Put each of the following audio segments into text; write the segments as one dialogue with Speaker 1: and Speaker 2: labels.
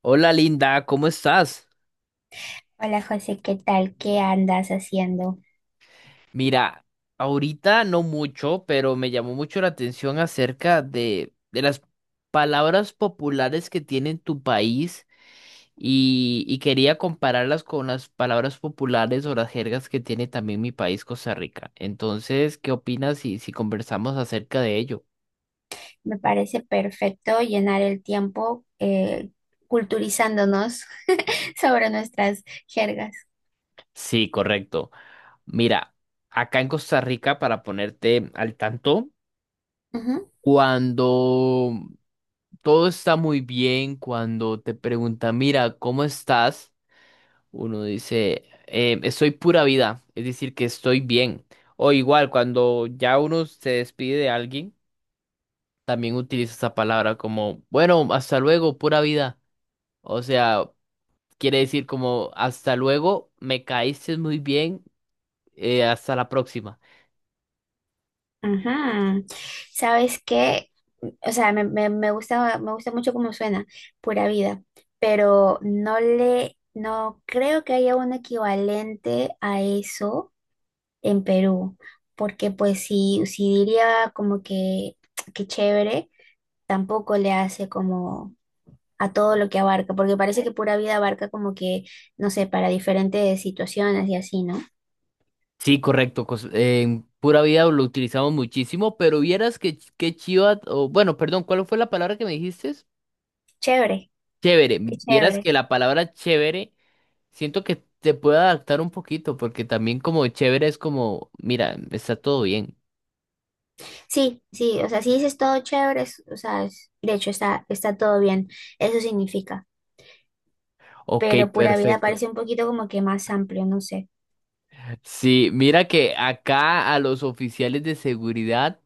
Speaker 1: Hola Linda, ¿cómo estás?
Speaker 2: Hola José, ¿qué tal? ¿Qué andas haciendo?
Speaker 1: Mira, ahorita no mucho, pero me llamó mucho la atención acerca de las palabras populares que tiene en tu país y quería compararlas con las palabras populares o las jergas que tiene también mi país, Costa Rica. Entonces, ¿qué opinas si conversamos acerca de ello?
Speaker 2: Me parece perfecto llenar el tiempo culturizándonos sobre nuestras jergas.
Speaker 1: Sí, correcto. Mira, acá en Costa Rica, para ponerte al tanto,
Speaker 2: Ujú.
Speaker 1: cuando todo está muy bien cuando te preguntan, mira, ¿cómo estás? Uno dice, estoy pura vida", es decir, que estoy bien. O igual, cuando ya uno se despide de alguien, también utiliza esa palabra como, bueno, hasta luego, pura vida. O sea, quiere decir como, hasta luego, me caíste muy bien, hasta la próxima.
Speaker 2: Ajá. ¿Sabes qué? O sea, me gusta mucho cómo suena, pura vida, pero no le, no creo que haya un equivalente a eso en Perú, porque pues si diría como que, que chévere, tampoco le hace como a todo lo que abarca, porque parece que pura vida abarca como que, no sé, para diferentes situaciones y así, ¿no?
Speaker 1: Sí, correcto. Pura vida lo utilizamos muchísimo, pero vieras que, qué chiva, o bueno, perdón, ¿cuál fue la palabra que me dijiste?
Speaker 2: Chévere,
Speaker 1: Chévere,
Speaker 2: qué
Speaker 1: vieras
Speaker 2: chévere.
Speaker 1: que la palabra chévere siento que te puede adaptar un poquito, porque también como chévere es como, mira, está todo bien.
Speaker 2: Sí, sí, o sea, si dices todo chévere, o sea, de hecho está, está todo bien, eso significa,
Speaker 1: Ok,
Speaker 2: pero pura vida
Speaker 1: perfecto.
Speaker 2: parece un poquito como que más amplio, no sé.
Speaker 1: Sí, mira que acá a los oficiales de seguridad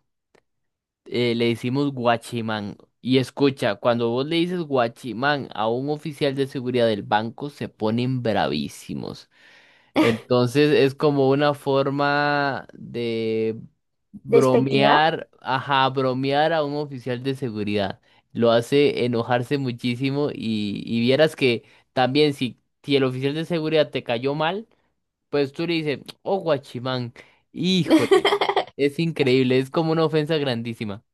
Speaker 1: le decimos guachimán. Y escucha, cuando vos le dices guachimán a un oficial de seguridad del banco, se ponen bravísimos. Entonces es como una forma de
Speaker 2: ¿Despectiva?
Speaker 1: bromear, ajá, bromear a un oficial de seguridad. Lo hace enojarse muchísimo y vieras que también si el oficial de seguridad te cayó mal, pues tú le dices, oh, guachimán, híjole, es increíble, es como una ofensa grandísima.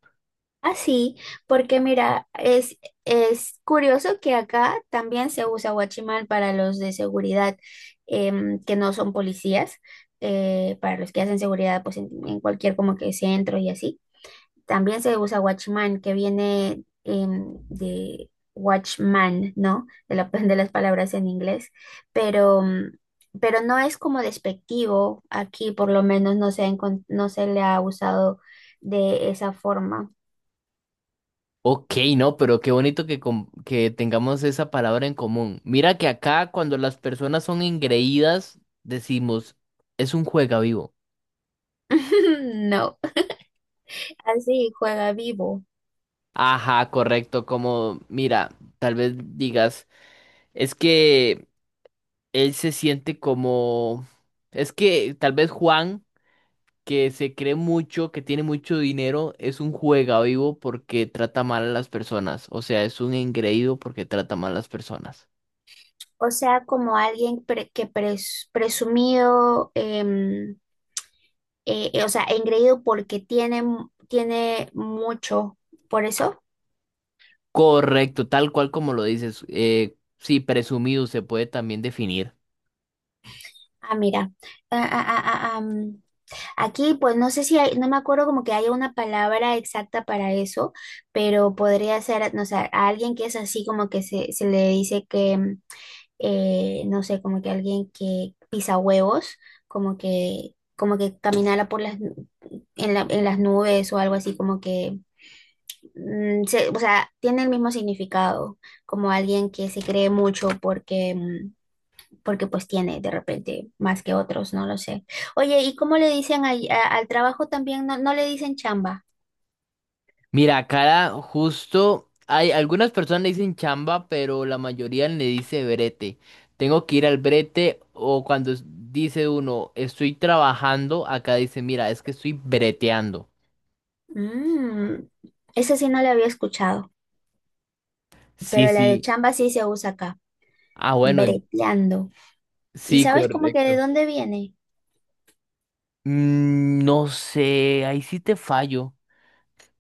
Speaker 2: Así, porque mira, es curioso que acá también se usa guachimal para los de seguridad que no son policías, para los que hacen seguridad pues en cualquier como que centro y así. También se usa guachimán, que viene de watchman, ¿no? De, de las palabras en inglés, pero, pero no es como despectivo, aquí por lo menos no se ha no se le ha usado de esa forma.
Speaker 1: Ok, no, pero qué bonito que, que tengamos esa palabra en común. Mira que acá cuando las personas son engreídas, decimos, es un juega vivo.
Speaker 2: No. Así juega vivo.
Speaker 1: Ajá, correcto, como, mira, tal vez digas, es que él se siente como, es que tal vez Juan, que se cree mucho, que tiene mucho dinero, es un juega vivo porque trata mal a las personas. O sea, es un engreído porque trata mal a las personas.
Speaker 2: O sea, como alguien presumido, o sea, engreído porque tiene, tiene mucho. Por eso,
Speaker 1: Correcto, tal cual como lo dices. Sí, presumido se puede también definir.
Speaker 2: ah, mira. Ah, ah, ah, ah, am. Aquí, pues no sé si hay, no me acuerdo como que haya una palabra exacta para eso, pero podría ser, no sé, a alguien que es así como que se le dice que. No sé, como que alguien que pisa huevos, como que caminara por las, en las nubes o algo así, como que, o sea, tiene el mismo significado, como alguien que se cree mucho porque, porque pues tiene de repente más que otros, no lo sé. Oye, ¿y cómo le dicen ahí al trabajo también? No, no le dicen chamba.
Speaker 1: Mira, cara, justo hay algunas personas le dicen chamba, pero la mayoría le dice brete. Tengo que ir al brete o cuando dice uno, estoy trabajando, acá dice, mira, es que estoy breteando.
Speaker 2: Mm, Esa sí no la había escuchado,
Speaker 1: Sí,
Speaker 2: pero la de
Speaker 1: sí.
Speaker 2: chamba sí se usa acá,
Speaker 1: Ah, bueno,
Speaker 2: breteando. ¿Y
Speaker 1: sí,
Speaker 2: sabes como que de
Speaker 1: correcto.
Speaker 2: dónde viene?
Speaker 1: Mm, no sé, ahí sí te fallo,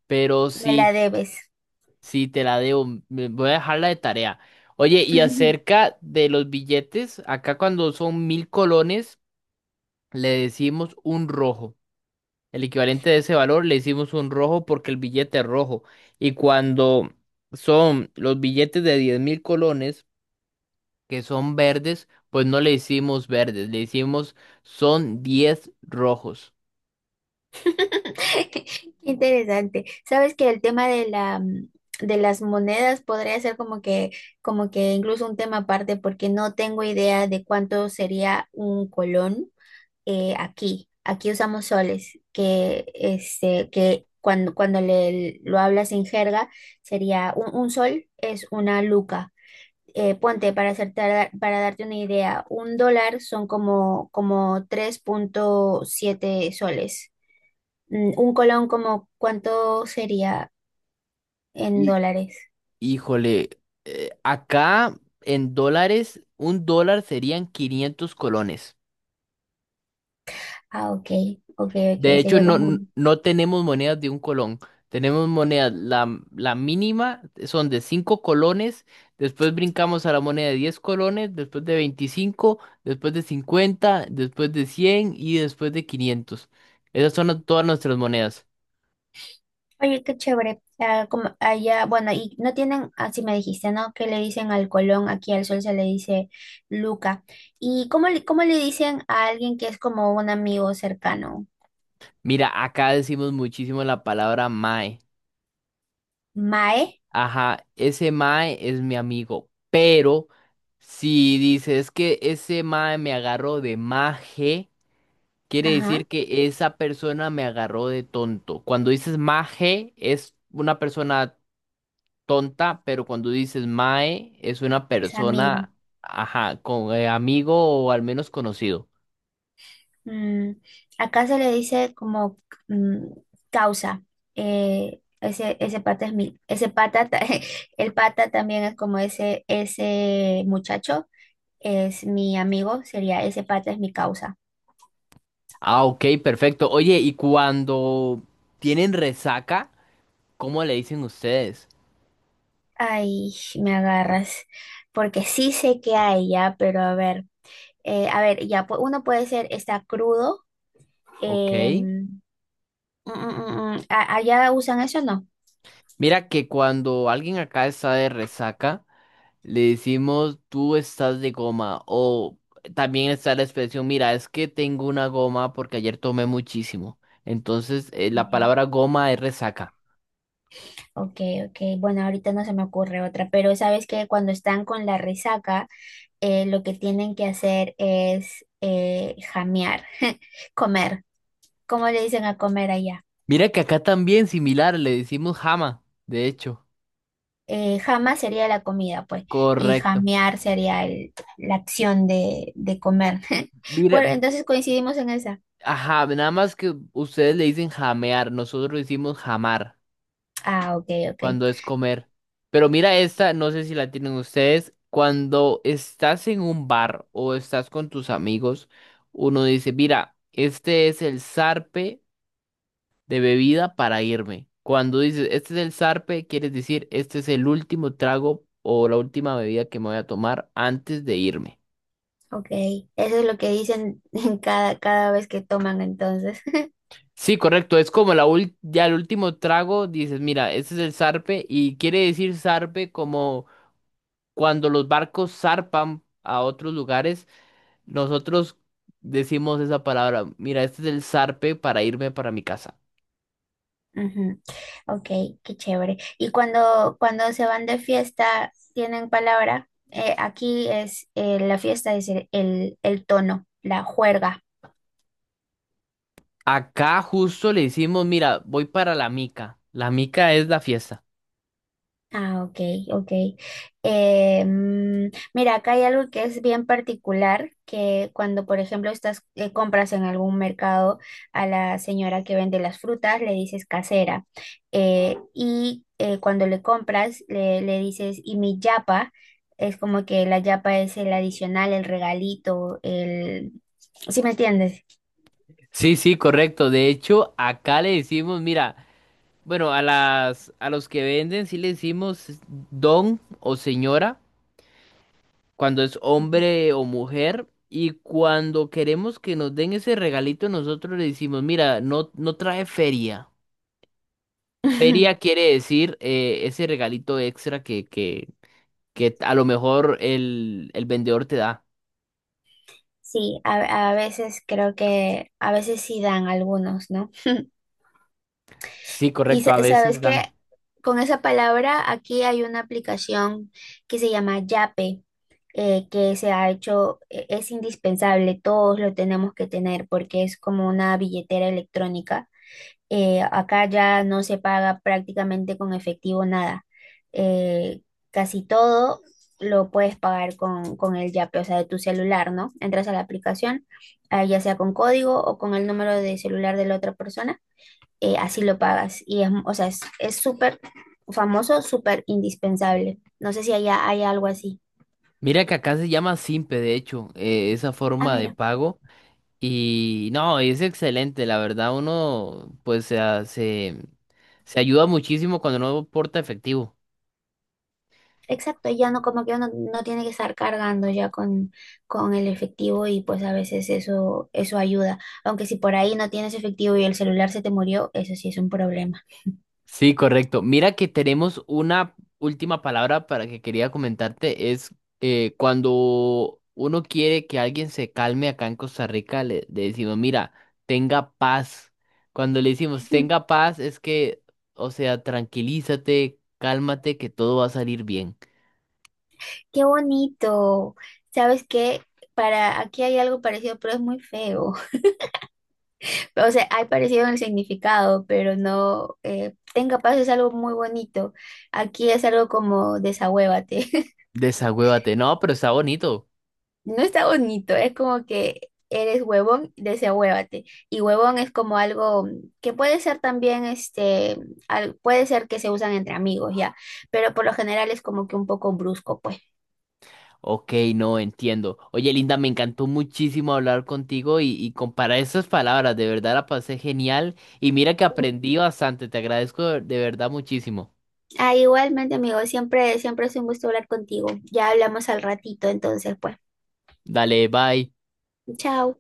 Speaker 1: pero
Speaker 2: Me
Speaker 1: sí.
Speaker 2: la debes.
Speaker 1: Sí, te la debo. Voy a dejarla de tarea. Oye, y acerca de los billetes, acá cuando son 1.000 colones, le decimos un rojo. El equivalente de ese valor le decimos un rojo porque el billete es rojo. Y cuando son los billetes de 10.000 colones, que son verdes, pues no le decimos verdes, le decimos son 10 rojos.
Speaker 2: Qué interesante. Sabes que el tema de la de las monedas podría ser como que incluso un tema aparte porque no tengo idea de cuánto sería un colón aquí. Aquí usamos soles, que este que cuando le lo hablas en jerga sería un sol es una luca ponte para para darte una idea, un dólar son como, como 3.7 soles. Un colón como ¿cuánto sería en
Speaker 1: Y,
Speaker 2: dólares?
Speaker 1: híjole, acá en dólares, un dólar serían 500 colones.
Speaker 2: Ah, ok, ok,
Speaker 1: De
Speaker 2: ok,
Speaker 1: hecho,
Speaker 2: sería
Speaker 1: no,
Speaker 2: como...
Speaker 1: no tenemos monedas de un colón. Tenemos monedas, la mínima son de 5 colones, después brincamos a la moneda de 10 colones, después de 25, después de 50, después de 100 y después de 500. Esas son todas nuestras monedas.
Speaker 2: Oye, qué chévere. Ah, como allá, bueno, y no tienen, así me dijiste, ¿no? Que le dicen al colón, aquí al sol se le dice luca. ¿Y cómo cómo le dicen a alguien que es como un amigo cercano?
Speaker 1: Mira, acá decimos muchísimo la palabra mae.
Speaker 2: Mae,
Speaker 1: Ajá, ese mae es mi amigo, pero si dices que ese mae me agarró de maje. Quiere
Speaker 2: ajá,
Speaker 1: decir que esa persona me agarró de tonto. Cuando dices maje es una persona tonta, pero cuando dices mae es una
Speaker 2: es amigo.
Speaker 1: persona, ajá, con amigo o al menos conocido.
Speaker 2: Mm, acá se le dice como mm, causa. Eh, ese pata es mi, ese pata, el pata también es como ese muchacho, es mi amigo, sería ese pata es mi causa.
Speaker 1: Ah, ok, perfecto. Oye, y cuando tienen resaca, ¿cómo le dicen ustedes?
Speaker 2: Ay, me agarras, porque sí sé que hay ya, pero a ver, ya, uno puede ser, está crudo,
Speaker 1: Ok.
Speaker 2: em, allá usan eso o no?
Speaker 1: Mira que cuando alguien acá está de resaca, le decimos, tú estás de goma. O también está la expresión, mira, es que tengo una goma porque ayer tomé muchísimo. Entonces, la
Speaker 2: Ya.
Speaker 1: palabra goma es resaca.
Speaker 2: Ok, ok. Bueno, ahorita no se me ocurre otra, pero sabes que cuando están con la resaca, lo que tienen que hacer es jamear, comer. ¿Cómo le dicen a comer allá?
Speaker 1: Mira que acá también similar, le decimos jama, de hecho.
Speaker 2: Jama sería la comida, pues, y
Speaker 1: Correcto.
Speaker 2: jamear sería la acción de comer.
Speaker 1: Mira,
Speaker 2: Bueno, entonces coincidimos en esa.
Speaker 1: ajá, nada más que ustedes le dicen jamear, nosotros le decimos jamar,
Speaker 2: Ah, ok, ok,
Speaker 1: cuando es comer. Pero mira esta, no sé si la tienen ustedes. Cuando estás en un bar o estás con tus amigos, uno dice, mira, este es el zarpe de bebida para irme. Cuando dices, este es el zarpe, quieres decir, este es el último trago o la última bebida que me voy a tomar antes de irme.
Speaker 2: ok. Eso es lo que dicen en cada, cada vez que toman entonces.
Speaker 1: Sí, correcto, es como la ya el último trago, dices, mira, este es el zarpe y quiere decir zarpe como cuando los barcos zarpan a otros lugares. Nosotros decimos esa palabra, mira, este es el zarpe para irme para mi casa.
Speaker 2: Ujú. Ok, qué chévere. Y cuando se van de fiesta, tienen palabra. Aquí es la fiesta, es el tono, la juerga.
Speaker 1: Acá justo le decimos, mira, voy para la mica. La mica es la fiesta.
Speaker 2: Ah, ok, ok. Eh, mm, Mira, acá hay algo que es bien particular, que cuando, por ejemplo, estás, compras en algún mercado a la señora que vende las frutas, le dices casera. Eh, y cuando le compras, le dices, y mi yapa, es como que la yapa es el adicional, el regalito, el... ¿Sí me entiendes?
Speaker 1: Sí, sí, correcto. De hecho, acá le decimos, mira, bueno, a a los que venden sí le decimos don o señora, cuando es hombre o mujer. Y cuando queremos que nos den ese regalito, nosotros le decimos, mira, no, no trae feria. Feria quiere decir ese regalito extra que a lo mejor el vendedor te da.
Speaker 2: Sí, a veces creo que, a veces sí dan algunos, ¿no?
Speaker 1: Sí,
Speaker 2: Y
Speaker 1: correcto, a
Speaker 2: sabes
Speaker 1: veces
Speaker 2: que
Speaker 1: dan.
Speaker 2: con esa palabra aquí hay una aplicación que se llama Yape, que se ha hecho, es indispensable, todos lo tenemos que tener porque es como una billetera electrónica. Acá ya no se paga prácticamente con efectivo nada. Eh, casi todo lo puedes pagar con el Yape, o sea, de tu celular, ¿no? Entras a la aplicación, ah, ya sea con código o con el número de celular de la otra persona así lo pagas. Y es, o sea, es súper famoso, súper indispensable. No sé si allá hay algo así.
Speaker 1: Mira que acá se llama Simpe, de hecho, esa
Speaker 2: Ah,
Speaker 1: forma de
Speaker 2: mira,
Speaker 1: pago. Y no, es excelente, la verdad, uno pues se, se ayuda muchísimo cuando no porta efectivo.
Speaker 2: exacto, ya no, como que uno no tiene que estar cargando ya con el efectivo y pues a veces eso, eso ayuda. Aunque si por ahí no tienes efectivo y el celular se te murió, eso sí es un problema.
Speaker 1: Sí, correcto. Mira que tenemos una última palabra para que quería comentarte. Es cuando uno quiere que alguien se calme acá en Costa Rica, le decimos, mira, tenga paz. Cuando le decimos,
Speaker 2: Mm,
Speaker 1: tenga paz, es que, o sea, tranquilízate, cálmate, que todo va a salir bien.
Speaker 2: Qué bonito. ¿Sabes qué? Para aquí hay algo parecido, pero es muy feo. O sea, hay parecido en el significado, pero no. Eh, tenga paz es algo muy bonito. Aquí es algo como desahuévate.
Speaker 1: Desagüévate. No, pero está bonito.
Speaker 2: No está bonito, es como que eres huevón, desahuévate. Y huevón es como algo que puede ser también, este, puede ser que se usan entre amigos, ya. Pero por lo general es como que un poco brusco, pues.
Speaker 1: Ok, no entiendo. Oye, Linda, me encantó muchísimo hablar contigo y comparar esas palabras. De verdad la pasé genial y mira que aprendí bastante. Te agradezco de verdad muchísimo.
Speaker 2: Ah, igualmente, amigo, siempre, siempre es un gusto hablar contigo. Ya hablamos al ratito, entonces, pues.
Speaker 1: Dale, bye.
Speaker 2: Chao.